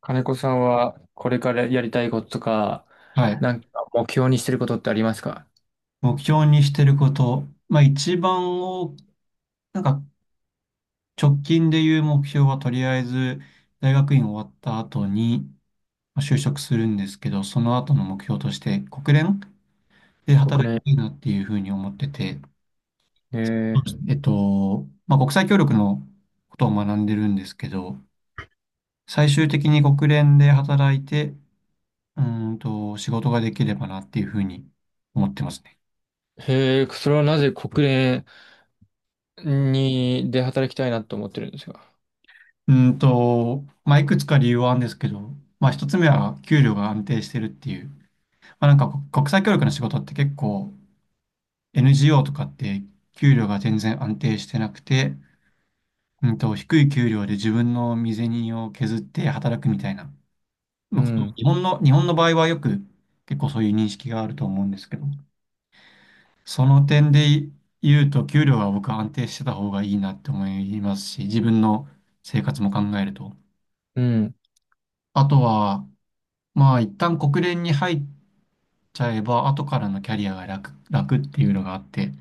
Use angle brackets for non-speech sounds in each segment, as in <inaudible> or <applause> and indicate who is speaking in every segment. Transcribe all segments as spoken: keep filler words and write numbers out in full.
Speaker 1: 金子さんはこれからやりたいこととか、
Speaker 2: はい。
Speaker 1: なんか目標にしてることってありますか？
Speaker 2: 目標にしてること。まあ一番を、なんか直近でいう目標はとりあえず大学院終わった後にまあ就職するんですけど、その後の目標として国連で
Speaker 1: 国
Speaker 2: 働き
Speaker 1: 連。
Speaker 2: たいなっていうふうに思ってて、そう
Speaker 1: え
Speaker 2: ですねえっと、まあ国際協力のことを学んでるんですけど、最終的に国連で働いて、うーんと仕事ができればなっていうふうに思ってますね。
Speaker 1: ー、へえ、それはなぜ国連にで働きたいなと思ってるんですか？
Speaker 2: うんと、まあ、いくつか理由はあるんですけど、まあ、一つ目は給料が安定してるっていう。まあ、なんかこ国際協力の仕事って結構 エヌジーオー とかって給料が全然安定してなくて、うんと、低い給料で自分の身銭を削って働くみたいな、
Speaker 1: う
Speaker 2: まあ、こと
Speaker 1: ん。
Speaker 2: 日本の、日本の場合はよく結構そういう認識があると思うんですけど、その点で言うと給料が僕は安定してた方がいいなって思いますし、自分の生活も考えると。
Speaker 1: うん。
Speaker 2: あとは、まあ、一旦国連に入っちゃえば、後からのキャリアが楽、楽っていうのがあって、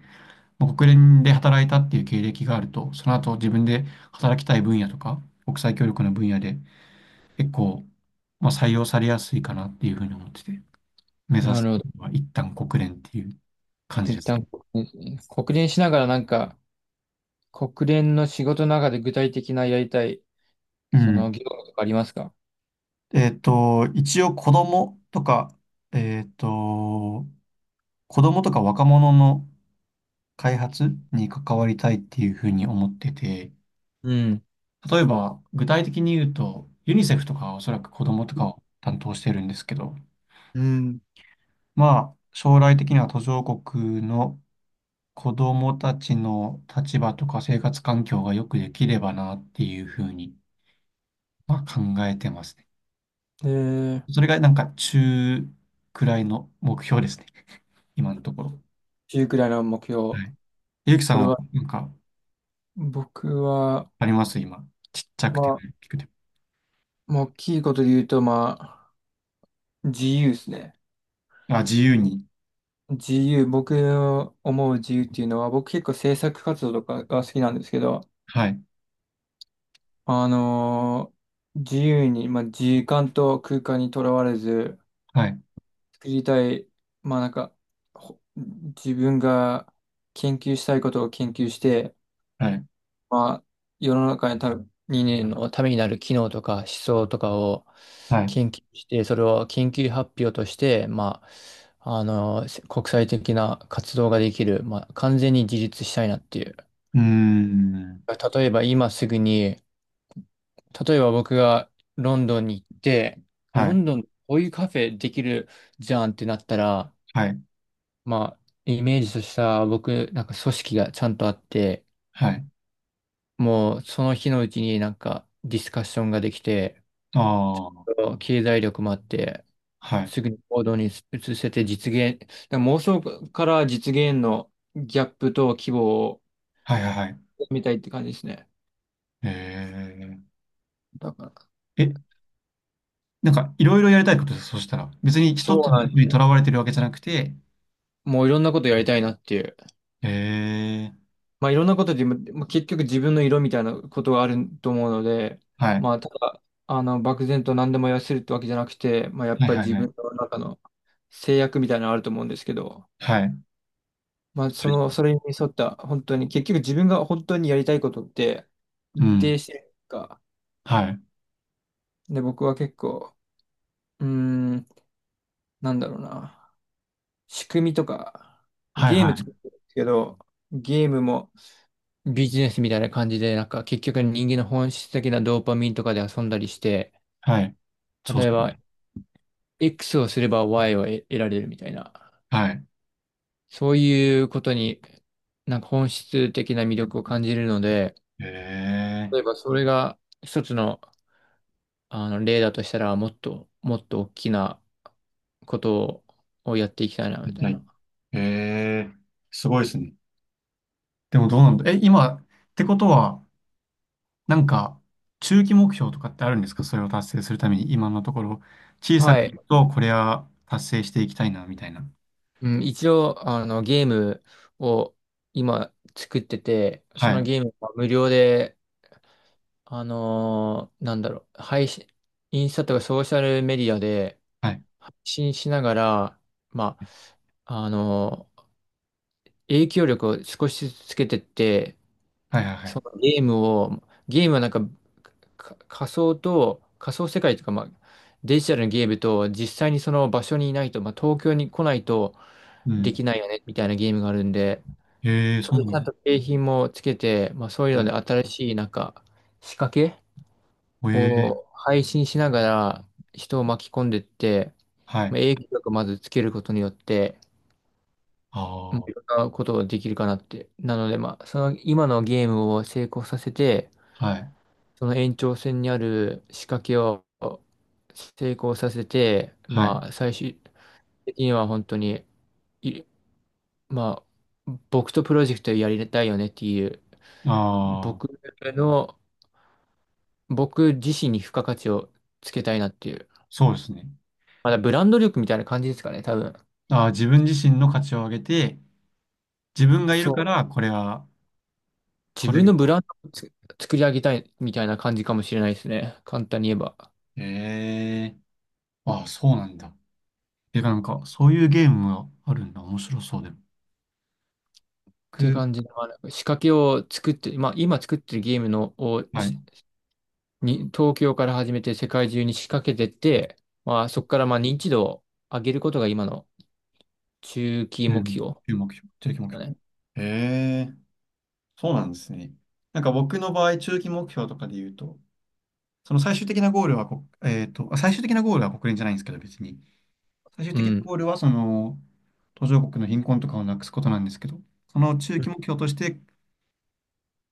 Speaker 2: まあ、国連で働いたっていう経歴があると、その後自分で働きたい分野とか、国際協力の分野で結構、まあ、採用されやすいかなっていうふうに思ってて、目指
Speaker 1: な
Speaker 2: す
Speaker 1: るほど。
Speaker 2: のは一旦国連っていう感じで
Speaker 1: 一
Speaker 2: すね。
Speaker 1: 旦国連国連しながらなんか、国連の仕事の中で具体的なやりたい、
Speaker 2: う
Speaker 1: そ
Speaker 2: ん。
Speaker 1: の業務とかありますか？
Speaker 2: えっと、一応子供とか、えっと、子供とか若者の開発に関わりたいっていうふうに思ってて、
Speaker 1: うん。
Speaker 2: 例えば、具体的に言うと、ユニセフとかはおそらく子供とかを担当してるんですけど、
Speaker 1: うん。
Speaker 2: まあ、将来的には途上国の子供たちの立場とか生活環境がよくできればなっていうふうに、まあ、考えてますね。
Speaker 1: えー、
Speaker 2: それがなんか中くらいの目標ですね。<laughs> 今のところ。
Speaker 1: じゅうくらいの目標。
Speaker 2: はい。ゆうきさ
Speaker 1: そ
Speaker 2: ん
Speaker 1: れ
Speaker 2: は
Speaker 1: は、
Speaker 2: なんか
Speaker 1: 僕は、
Speaker 2: あります今。ちっちゃく
Speaker 1: ま
Speaker 2: ても
Speaker 1: あ、
Speaker 2: 大きくて
Speaker 1: まあ大きいことで言うと、まあ、自由ですね。
Speaker 2: も。あ、自由に。
Speaker 1: 自由、僕の思う自由っていうのは、僕結構制作活動とかが好きなんですけど、
Speaker 2: はい。
Speaker 1: あのー自由に、まあ、時間と空間にとらわれず、
Speaker 2: はい。
Speaker 1: 作りたい、まあなんか、ほ自分が研究したいことを研究して、
Speaker 2: はい。
Speaker 1: まあ、世の中にたにねんのためになる機能とか思想とかを
Speaker 2: はい。う
Speaker 1: 研究して、それを研究発表として、まあ、あの、せ国際的な活動ができる、まあ、完全に自立したいなっていう。
Speaker 2: ーん。
Speaker 1: 例えば今すぐに、例えば僕がロンドンに行って、
Speaker 2: は
Speaker 1: ロ
Speaker 2: い。
Speaker 1: ンドンこういうカフェできるじゃんってなったら、
Speaker 2: はい。
Speaker 1: まあ、イメージとした僕、なんか組織がちゃんとあって、
Speaker 2: はい。
Speaker 1: もうその日のうちになんかディスカッションができて、
Speaker 2: ああ、
Speaker 1: 経済力もあって、
Speaker 2: はい。
Speaker 1: すぐに行動に移せて実現、だから妄想から実現のギャップと規模を
Speaker 2: はいはいはい。
Speaker 1: 見たいって感じですね。
Speaker 2: え
Speaker 1: だから、
Speaker 2: ー、え、なんかいろいろやりたいことです、そしたら。別に一つ
Speaker 1: そう
Speaker 2: の
Speaker 1: な
Speaker 2: こ
Speaker 1: ん
Speaker 2: と
Speaker 1: で
Speaker 2: に
Speaker 1: す
Speaker 2: と
Speaker 1: ね。
Speaker 2: らわれてるわけじゃなくて、
Speaker 1: もういろんなことやりたいなっていう。
Speaker 2: えー、
Speaker 1: まあいろんなことで、まあ、結局自分の色みたいなことがあると思うので、
Speaker 2: はい。
Speaker 1: まあただ、あの、漠然と何でも痩せるってわけじゃなくて、まあやっ
Speaker 2: はい
Speaker 1: ぱり
Speaker 2: はい
Speaker 1: 自
Speaker 2: はい。
Speaker 1: 分の中の制約みたいなのあると思うんですけど、
Speaker 2: はい。
Speaker 1: まあ、そ
Speaker 2: う
Speaker 1: の、
Speaker 2: す
Speaker 1: それに沿った、本当に、結局自分が本当にやりたいことって、一
Speaker 2: ん。
Speaker 1: 定してるか。
Speaker 2: はい。
Speaker 1: で、僕は結構、うーん、なんだろうな。仕組みとか、
Speaker 2: はい
Speaker 1: ゲー
Speaker 2: は
Speaker 1: ム作っ
Speaker 2: い。
Speaker 1: てるんですけど、ゲームもビジネスみたいな感じで、なんか結局人間の本質的なドーパミンとかで遊んだりして、
Speaker 2: はい。そうっ
Speaker 1: 例え
Speaker 2: すね
Speaker 1: ば X をすれば Y を得得られるみたいな、
Speaker 2: はい。
Speaker 1: そういうことになんか本質的な魅力を感じるので、
Speaker 2: え
Speaker 1: 例
Speaker 2: ー、
Speaker 1: えばそれが一つのあの、例だとしたら、もっと、もっと大きなことをやっていきたいな、み
Speaker 2: み
Speaker 1: たい
Speaker 2: たい。
Speaker 1: な。
Speaker 2: えー、すごいですね。でもどうなんだ。え、今、ってことは、なんか、中期目標とかってあるんですか、それを達成するために、今のところ、小さ
Speaker 1: は
Speaker 2: く言
Speaker 1: い。
Speaker 2: うとこれは達成していきたいな、みたいな。
Speaker 1: うん、一応、あの、ゲームを今作ってて、そ
Speaker 2: は
Speaker 1: の
Speaker 2: い、
Speaker 1: ゲームは無料で、あのーなんだろう、配信、インスタとかソーシャルメディアで
Speaker 2: はい、
Speaker 1: 配信しながら、まあ、あのー影響力を少しずつつけてって、
Speaker 2: はい、はい、は
Speaker 1: そ
Speaker 2: い。
Speaker 1: のゲームを、ゲームはなんかか仮想と、仮想世界というか、まあ、デジタルのゲームと、実際にその場所にいないと、まあ、東京に来ないと
Speaker 2: う
Speaker 1: で
Speaker 2: ん。
Speaker 1: きないよね、みたいなゲームがあるんで、
Speaker 2: ええ、
Speaker 1: そ
Speaker 2: そ
Speaker 1: れ
Speaker 2: うな
Speaker 1: ち
Speaker 2: ん
Speaker 1: ゃんと景品もつけて、まあ、そういう
Speaker 2: だ。
Speaker 1: ので
Speaker 2: ね
Speaker 1: 新しい、なんか、仕掛け
Speaker 2: え
Speaker 1: を
Speaker 2: え、
Speaker 1: 配信しながら人を巻き込んでって、
Speaker 2: は
Speaker 1: ま
Speaker 2: い。
Speaker 1: あ、影響力をまずつけることによって、
Speaker 2: あ
Speaker 1: ま
Speaker 2: あ、
Speaker 1: あ
Speaker 2: は
Speaker 1: いろんなことができるかなって。なので、まあ、その今のゲームを成功させて、
Speaker 2: い、
Speaker 1: その延長線にある仕掛けを成功させて、
Speaker 2: はい。
Speaker 1: まあ、最終的には本当に、いまあ、僕とプロジェクトやりたいよねっていう、
Speaker 2: ああ、
Speaker 1: 僕の、僕自身に付加価値をつけたいなっていう、
Speaker 2: そうですね。
Speaker 1: まだブランド力みたいな感じですかね、多分。
Speaker 2: ああ、自分自身の価値を上げて、自分がい
Speaker 1: そ
Speaker 2: るか
Speaker 1: う、
Speaker 2: ら、これは、
Speaker 1: 自
Speaker 2: これ
Speaker 1: 分のブラ
Speaker 2: は。
Speaker 1: ンドをつ作り上げたいみたいな感じかもしれないですね、簡単に言えば。っ
Speaker 2: ええ、ああ、そうなんだ。てか、なんか、そういうゲームがあるんだ。面白そうで。
Speaker 1: ていう
Speaker 2: 僕、
Speaker 1: 感じで、まあ、なんか仕掛けを作って、まあ、今作ってるゲームのを
Speaker 2: はい。
Speaker 1: に、東京から始めて世界中に仕掛けてって、まあそこからまあ認知度を上げることが今の中期
Speaker 2: う
Speaker 1: 目
Speaker 2: ん、
Speaker 1: 標
Speaker 2: 中期目標、中期目
Speaker 1: だ
Speaker 2: 標。
Speaker 1: ね。
Speaker 2: へえ、そうなんですね。なんか僕の場合、中期目標とかで言うと、その最終的なゴールはこ、えっと、あ最終的なゴールは国連じゃないんですけど、別に。最終
Speaker 1: う
Speaker 2: 的な
Speaker 1: ん。
Speaker 2: ゴールは、その、途上国の貧困とかをなくすことなんですけど、その中期目標として、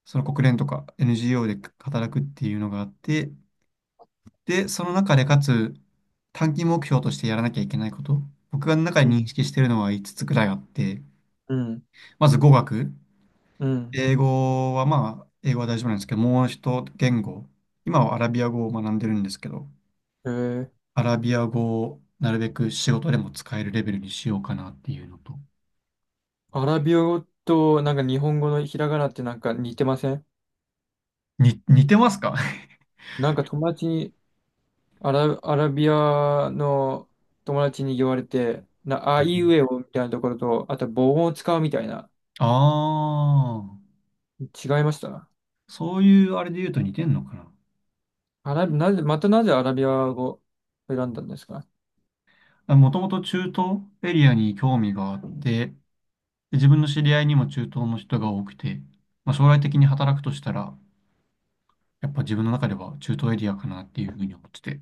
Speaker 2: その国連とか エヌジーオー で働くっていうのがあって、で、その中でかつ、短期目標としてやらなきゃいけないこと、僕が中で認識してるのはいつつつくらいあって、
Speaker 1: うん、
Speaker 2: まず語学。
Speaker 1: うん。
Speaker 2: 英語はまあ、英語は大丈夫なんですけど、もう一言語、今はアラビア語を学んでるんですけど、
Speaker 1: えー、
Speaker 2: アラビア語をなるべく仕事でも使えるレベルにしようかなっていうのと。
Speaker 1: アラビア語となんか日本語のひらがなってなんか似てません？
Speaker 2: に、似てますか？
Speaker 1: なんか友達に、アラ、アラビアの友達に言われて、な、あいうえ
Speaker 2: <laughs>
Speaker 1: おみたいなところと、あと母音を使うみたいな、
Speaker 2: ああ
Speaker 1: 違いました？
Speaker 2: ー、そういうあれで言うと似てんのか
Speaker 1: アラビ、なぜ、またなぜアラビア語を選んだんですか？
Speaker 2: な。もともと中東エリアに興味があって、で自分の知り合いにも中東の人が多くて、まあ、将来的に働くとしたら、やっぱ自分の中では中東エリアかなっていうふうに思ってて。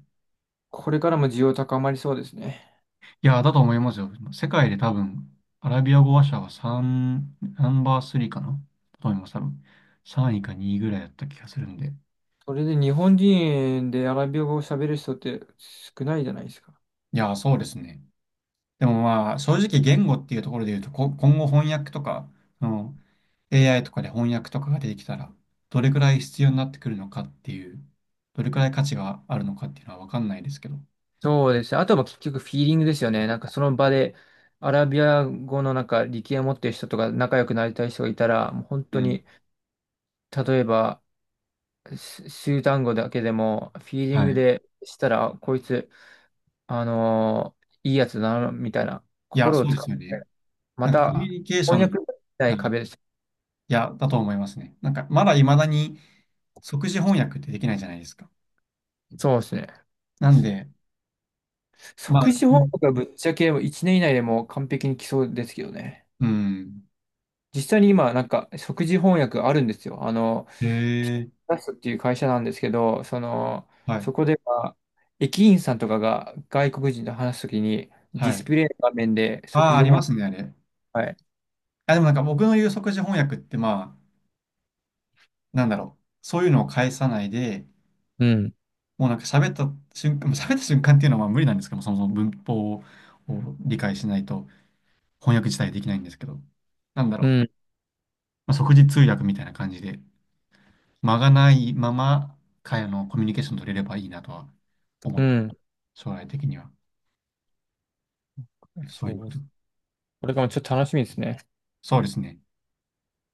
Speaker 1: これからも需要高まりそうですね。
Speaker 2: いや、だと思いますよ。世界で多分、アラビア語話者はさん、ナンバースリーかな、だと思います、多分。さんいかにいぐらいだった気がするんで。い
Speaker 1: それで日本人でアラビア語を喋る人って少ないじゃないですか。
Speaker 2: や、そうですね。でもまあ、正直言語っていうところで言うと、こ、今後翻訳とか、その エーアイ とかで翻訳とかが出てきたら、どれくらい必要になってくるのかっていう、どれくらい価値があるのかっていうのはわかんないですけど。
Speaker 1: そうですね。あとは結局フィーリングですよね。なんかその場でアラビア語のなんか力を持ってる人とか仲良くなりたい人がいたら、もう本
Speaker 2: う
Speaker 1: 当
Speaker 2: ん。
Speaker 1: に、例えば、す数単語だけでもフィーリン
Speaker 2: は
Speaker 1: グ
Speaker 2: い。
Speaker 1: でしたら、あこいつ、あのーいいやつだな、みたいな
Speaker 2: いや、
Speaker 1: 心を
Speaker 2: そうで
Speaker 1: 使っ
Speaker 2: すよね。
Speaker 1: て、ま
Speaker 2: なんかコミュ
Speaker 1: た、
Speaker 2: ニケーショ
Speaker 1: 翻
Speaker 2: ン、
Speaker 1: 訳、
Speaker 2: はい、いや、だと思いますね。なんか、まだ未だに即時翻訳ってできないじゃないですか。
Speaker 1: そうですね。
Speaker 2: なんで、まあ、
Speaker 1: 即時翻訳がぶっちゃけいちねん以内でもう完璧に来そうですけどね。
Speaker 2: うん。
Speaker 1: 実際に今、なんか、即時翻訳あるんですよ。あの、
Speaker 2: へ
Speaker 1: ピ
Speaker 2: え、
Speaker 1: タスっていう会社なんですけど、その、
Speaker 2: はい、
Speaker 1: そこでは、駅員さんとかが外国人と話すときに、デ
Speaker 2: は
Speaker 1: ィス
Speaker 2: い。
Speaker 1: プレイの画面で
Speaker 2: あ
Speaker 1: 即
Speaker 2: あ、
Speaker 1: 時
Speaker 2: あり
Speaker 1: 翻
Speaker 2: ま
Speaker 1: 訳、
Speaker 2: すね、あれ。
Speaker 1: はい。
Speaker 2: あ、でもなんか僕の言う即時翻訳って、まあ、なんだろう。そういうのを返さないで、
Speaker 1: うん、
Speaker 2: もうなんか喋った瞬間、喋った瞬間っていうのはまあ無理なんですけども、そもそも文法を理解しないと翻訳自体できないんですけど、なんだ
Speaker 1: う
Speaker 2: ろう。
Speaker 1: ん、
Speaker 2: まあ、即時通訳みたいな感じで。間がないまま、会話のコミュニケーション取れればいいなとは思
Speaker 1: う
Speaker 2: ってま
Speaker 1: ん。
Speaker 2: す、将来的には。そう
Speaker 1: そ
Speaker 2: いうこ
Speaker 1: う。
Speaker 2: と。
Speaker 1: これからもちょっと楽しみですね。
Speaker 2: そうですね。